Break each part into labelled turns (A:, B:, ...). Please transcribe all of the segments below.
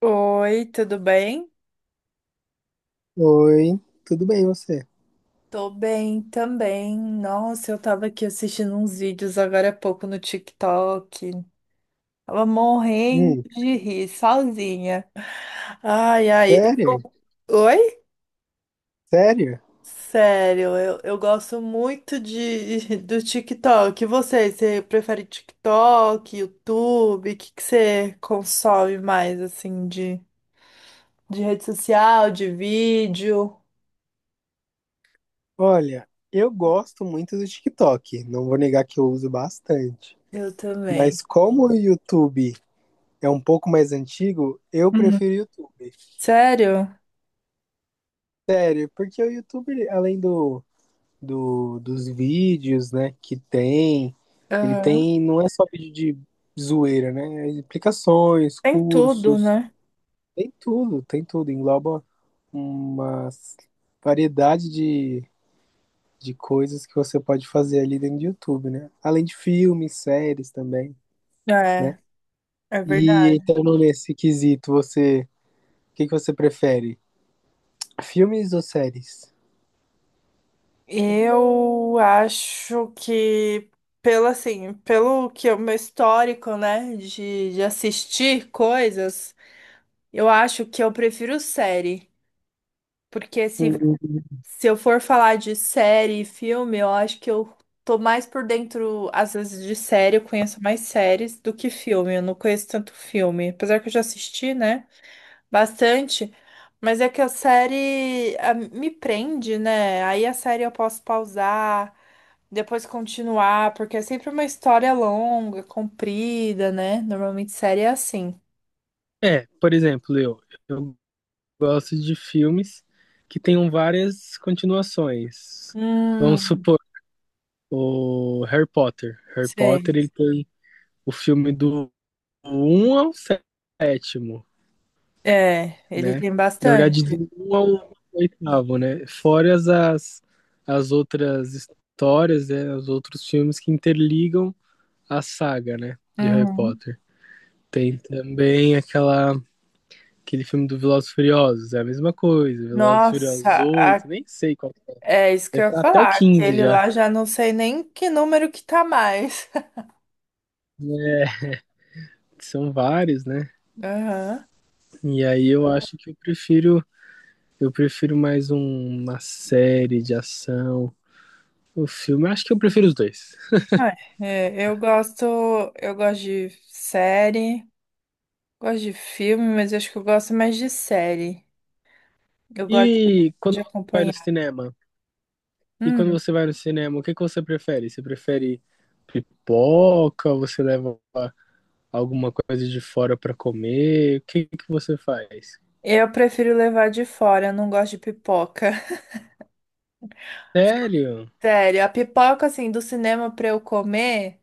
A: Oi, tudo bem?
B: Oi, tudo bem você?
A: Tô bem também. Nossa, eu tava aqui assistindo uns vídeos agora há pouco no TikTok. Tava morrendo
B: Hum,
A: de rir, sozinha. Ai, ai.
B: sério?
A: Oi?
B: Sério?
A: Sério, eu gosto muito de, do TikTok. E você prefere TikTok, YouTube? O que que você consome mais, assim, de rede social, de vídeo?
B: Olha, eu gosto muito do TikTok, não vou negar que eu uso bastante.
A: Eu também.
B: Mas como o YouTube é um pouco mais antigo, eu
A: Hum.
B: prefiro o YouTube.
A: Sério?
B: Sério, porque o YouTube, além dos vídeos, né, que tem, ele
A: Aham.
B: tem, não é só vídeo de zoeira, né? É explicações,
A: Tem tudo,
B: cursos,
A: né?
B: tem tudo, engloba uma variedade de coisas que você pode fazer ali dentro do YouTube, né? Além de filmes, séries também, né?
A: É, é
B: E
A: verdade.
B: entrando nesse quesito, o que que você prefere? Filmes ou séries?
A: Eu acho que, pelo assim, pelo que é o meu histórico, né, de assistir coisas, eu acho que eu prefiro série. Porque se,
B: Hum,
A: se eu for falar de série e filme, eu acho que eu tô mais por dentro, às vezes, de série, eu conheço mais séries do que filme. Eu não conheço tanto filme. Apesar que eu já assisti, né? Bastante, mas é que a série ah, me prende, né? Aí a série eu posso pausar, depois continuar, porque é sempre uma história longa, comprida, né? Normalmente série é assim.
B: É, por exemplo, eu gosto de filmes que tenham várias continuações. Vamos
A: Hum,
B: supor, o Harry Potter. Harry Potter,
A: sei.
B: ele tem o filme do um ao sétimo.
A: É, ele
B: Né?
A: tem
B: Na
A: bastante.
B: verdade, do um ao oitavo, né? Fora as outras histórias, né? Os outros filmes que interligam a saga, né? De Harry
A: Uhum.
B: Potter. Tem também aquele filme do Velozes e Furiosos, é a mesma coisa. Velozes e
A: Nossa,
B: Furiosos
A: a-
B: 8 nem sei qual que é.
A: é isso que eu
B: Deve
A: ia
B: estar até o
A: falar.
B: 15
A: Aquele
B: já.
A: lá já não sei nem que número que tá mais.
B: Né? São vários, né?
A: Aham.
B: E aí eu acho que eu prefiro. Eu prefiro mais uma série de ação. O filme, eu acho que eu prefiro os dois.
A: Ah, é, eu gosto de série. Gosto de filme, mas acho que eu gosto mais de série. Eu gosto
B: E quando
A: de
B: você vai no
A: acompanhar.
B: cinema? E quando
A: Hum,
B: você vai no cinema, o que que você prefere? Você prefere pipoca? Você leva alguma coisa de fora pra comer? O que que você faz?
A: eu prefiro levar de fora, eu não gosto de pipoca.
B: Sério?
A: Sério, a pipoca, assim, do cinema pra eu comer,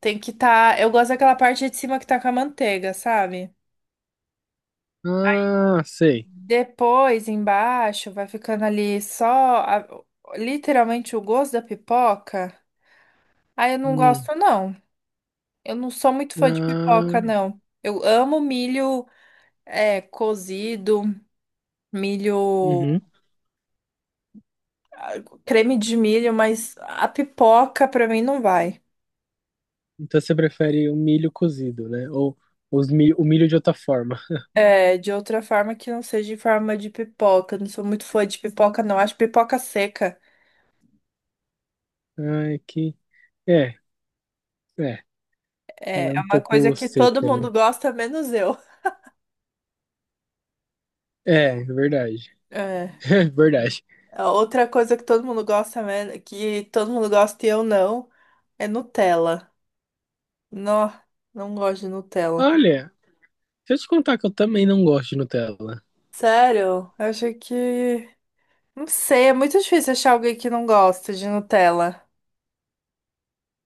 A: tem que tá. Eu gosto daquela parte de cima que tá com a manteiga, sabe?
B: Ah, sei.
A: Depois, embaixo, vai ficando ali só literalmente o gosto da pipoca. Aí eu não
B: Hum.
A: gosto, não. Eu não sou muito fã de pipoca,
B: Ah,
A: não. Eu amo milho, é, cozido. Milho,
B: uhum.
A: ah, creme de milho, mas a pipoca pra mim não vai.
B: Então você prefere o milho cozido, né? Ou o milho de outra forma.
A: É, de outra forma que não seja em forma de pipoca. Não sou muito fã de pipoca, não. Acho pipoca seca.
B: Ai, que. É, é.
A: É,
B: Ela é
A: é
B: um
A: uma coisa
B: pouco
A: que todo
B: seca, né?
A: mundo gosta, menos eu.
B: É, verdade.
A: É.
B: É verdade.
A: A outra coisa que todo mundo gosta, que todo mundo gosta e eu não, é Nutella. Não, não gosto de Nutella.
B: Olha, deixa eu te contar que eu também não gosto de Nutella.
A: Sério? Eu acho que. Não sei, é muito difícil achar alguém que não gosta de Nutella.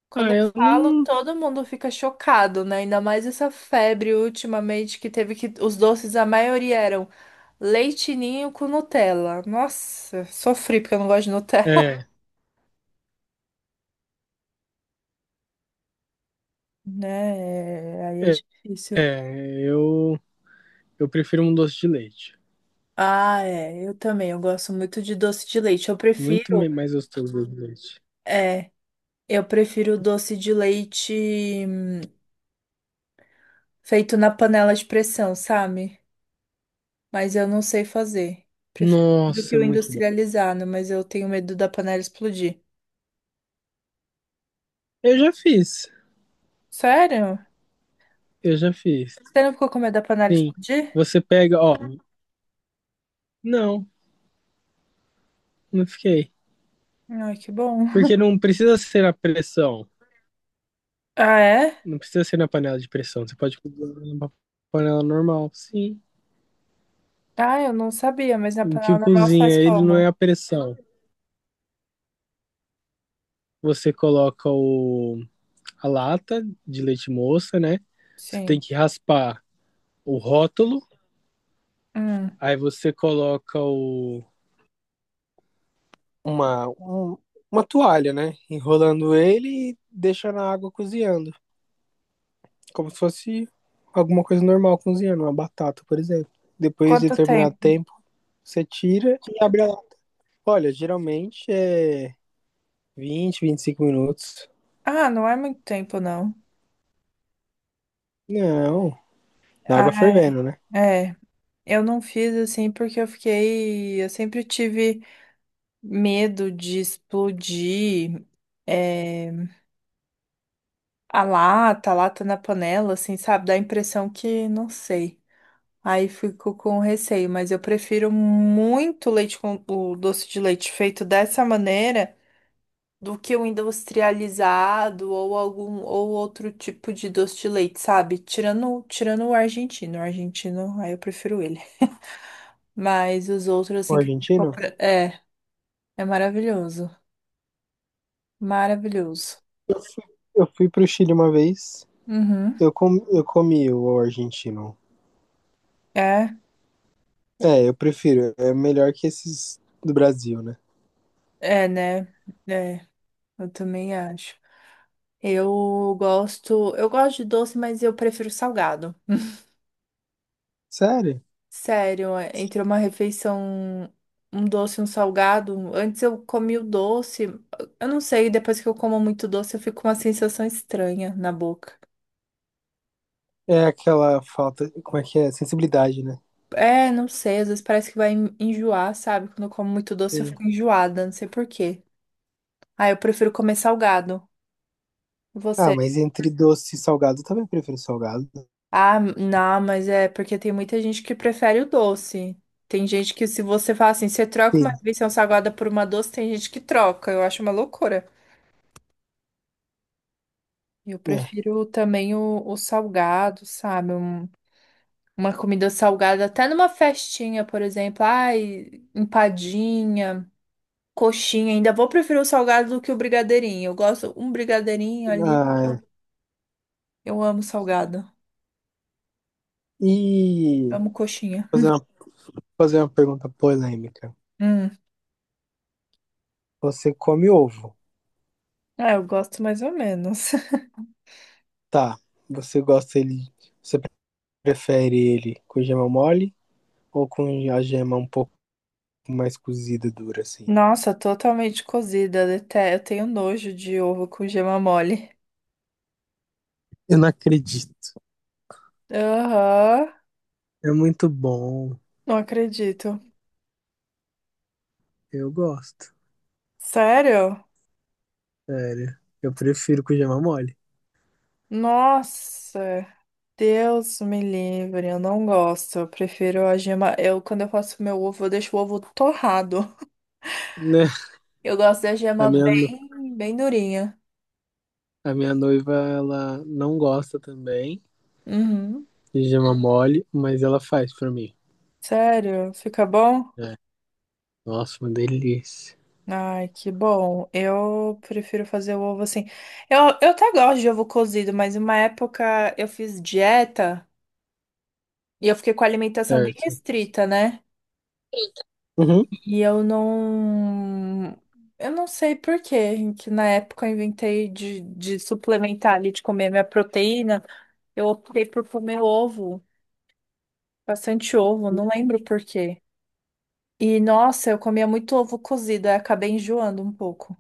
A: Quando
B: Ah,
A: eu
B: eu
A: falo,
B: não.
A: todo mundo fica chocado, né? Ainda mais essa febre ultimamente que teve que os doces, a maioria eram leite ninho com Nutella. Nossa, sofri porque eu não gosto de Nutella,
B: É,
A: né? É, aí é
B: é,
A: difícil.
B: é, eu prefiro um doce de leite.
A: Ah, é, eu também, eu gosto muito de doce de leite. Eu
B: Muito
A: prefiro,
B: mais gostoso doce de leite.
A: é, eu prefiro doce de leite feito na panela de pressão, sabe? Mas eu não sei fazer. Prefiro do que
B: Nossa, é
A: o
B: muito bom.
A: industrializado, mas eu tenho medo da panela explodir.
B: Eu já fiz.
A: Sério?
B: Eu já fiz.
A: Você não ficou com medo da panela
B: Sim.
A: explodir?
B: Você pega, ó. Não, não fiquei.
A: Ai, que bom.
B: Porque não precisa ser a pressão.
A: Ah, é?
B: Não precisa ser na panela de pressão. Você pode cozinhar numa panela normal. Sim.
A: Ah, eu não sabia, mas na
B: O
A: panela
B: que
A: normal você
B: cozinha
A: faz
B: ele não é
A: como?
B: a pressão. Você coloca a lata de leite moça, né? Você tem
A: Sim.
B: que raspar o rótulo,
A: Hum.
B: aí você coloca o. Uma, um- uma toalha, né? Enrolando ele e deixa na água cozinhando. Como se fosse alguma coisa normal cozinhando, uma batata, por exemplo. Depois de
A: Quanto
B: determinado
A: tempo?
B: tempo, você tira e abre a. Olha, geralmente é 20 25 minutos.
A: Ah, não é muito tempo, não.
B: Não, na
A: Ah,
B: água fervendo, né?
A: é. Eu não fiz assim porque eu fiquei. Eu sempre tive medo de explodir é, a lata na panela, assim, sabe? Dá a impressão que, não sei. Aí fico com receio, mas eu prefiro muito leite com o doce de leite feito dessa maneira do que o industrializado ou algum ou outro tipo de doce de leite, sabe? Tirando o argentino, aí eu prefiro ele. Mas os outros
B: O
A: assim que a gente
B: argentino?
A: compra, é, é maravilhoso, maravilhoso.
B: Eu fui, eu fui pro Chile uma vez.
A: Uhum.
B: Eu comi o argentino.
A: É,
B: É, eu prefiro. É melhor que esses do Brasil, né?
A: é, né? É, eu também acho. Eu eu gosto de doce, mas eu prefiro salgado.
B: Sério?
A: Sério, é, entre uma refeição, um doce e um salgado. Antes eu comi o doce, eu não sei, depois que eu como muito doce eu fico com uma sensação estranha na boca.
B: É aquela falta. Como é que é? Sensibilidade, né?
A: É, não sei, às vezes parece que vai enjoar, sabe? Quando eu como muito doce eu fico
B: Sim.
A: enjoada, não sei por quê. Ah, eu prefiro comer salgado. E
B: Ah,
A: você?
B: mas entre doce e salgado, eu também prefiro salgado.
A: Ah, não, mas é porque tem muita gente que prefere o doce. Tem gente que se você fala assim, você troca uma
B: Sim.
A: refeição salgada por uma doce, tem gente que troca. Eu acho uma loucura. Eu
B: É.
A: prefiro também o salgado, sabe? Uma comida salgada, até numa festinha, por exemplo. Ai, empadinha, coxinha. Ainda vou preferir o salgado do que o brigadeirinho. Eu gosto um brigadeirinho ali.
B: Ah,
A: Eu amo salgado.
B: e
A: Amo coxinha.
B: fazer uma, fazer uma pergunta polêmica.
A: Hum.
B: Você come ovo,
A: É, eu gosto mais ou menos.
B: tá? Você gosta ele. Você prefere ele com gema mole ou com a gema um pouco mais cozida, dura, assim?
A: Nossa, totalmente cozida. Até eu tenho nojo de ovo com gema mole.
B: Eu não acredito.
A: Aham,
B: É muito bom.
A: não acredito.
B: Eu gosto.
A: Sério?
B: Sério. Eu prefiro com gema mole.
A: Nossa. Deus me livre, eu não gosto. Eu prefiro a gema. Eu, quando eu faço meu ovo, eu deixo o ovo torrado.
B: Né?
A: Eu gosto da
B: A
A: gema
B: minha, no-
A: bem, bem durinha.
B: a minha noiva, ela não gosta também
A: Uhum.
B: de gema mole, mas ela faz pra mim.
A: Sério? Fica bom?
B: É. Nossa, uma delícia.
A: Ai, que bom. Eu prefiro fazer o ovo assim. Eu até gosto de ovo cozido, mas uma época eu fiz dieta e eu fiquei com a alimentação bem
B: Certo.
A: restrita, né?
B: Uhum.
A: E eu não. Eu não sei por quê, que na época eu inventei de suplementar ali, de comer minha proteína. Eu optei por comer ovo, bastante ovo, não lembro por quê. E nossa, eu comia muito ovo cozido, aí acabei enjoando um pouco.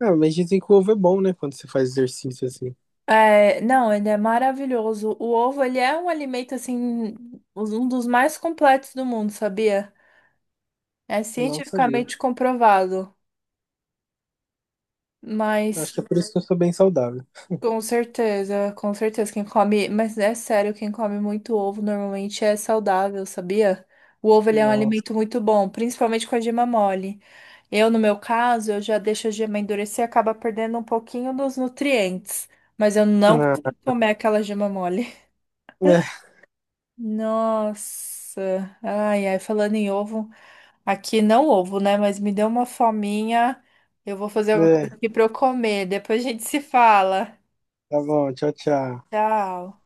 B: Ah, mas dizem que o ovo é bom, né? Quando você faz exercício assim.
A: É, não, ele é maravilhoso. O ovo, ele é um alimento, assim, um dos mais completos do mundo, sabia? É
B: Não sabia.
A: cientificamente comprovado.
B: Acho
A: Mas.
B: que é por isso que eu sou bem saudável.
A: Com certeza, com certeza. Quem come, mas é sério, quem come muito ovo normalmente é saudável, sabia? O ovo ele é um
B: Nossa.
A: alimento muito bom, principalmente com a gema mole. Eu, no meu caso, eu já deixo a gema endurecer e acaba perdendo um pouquinho dos nutrientes. Mas eu não consigo
B: Ah,
A: comer aquela gema mole.
B: né?
A: Nossa, ai, ai, falando em ovo, aqui não ovo, né? Mas me deu uma fominha. Eu vou fazer alguma coisa
B: Né.
A: aqui pra eu comer. Depois a gente se fala.
B: Tá bom, tchau, tchau.
A: Tchau.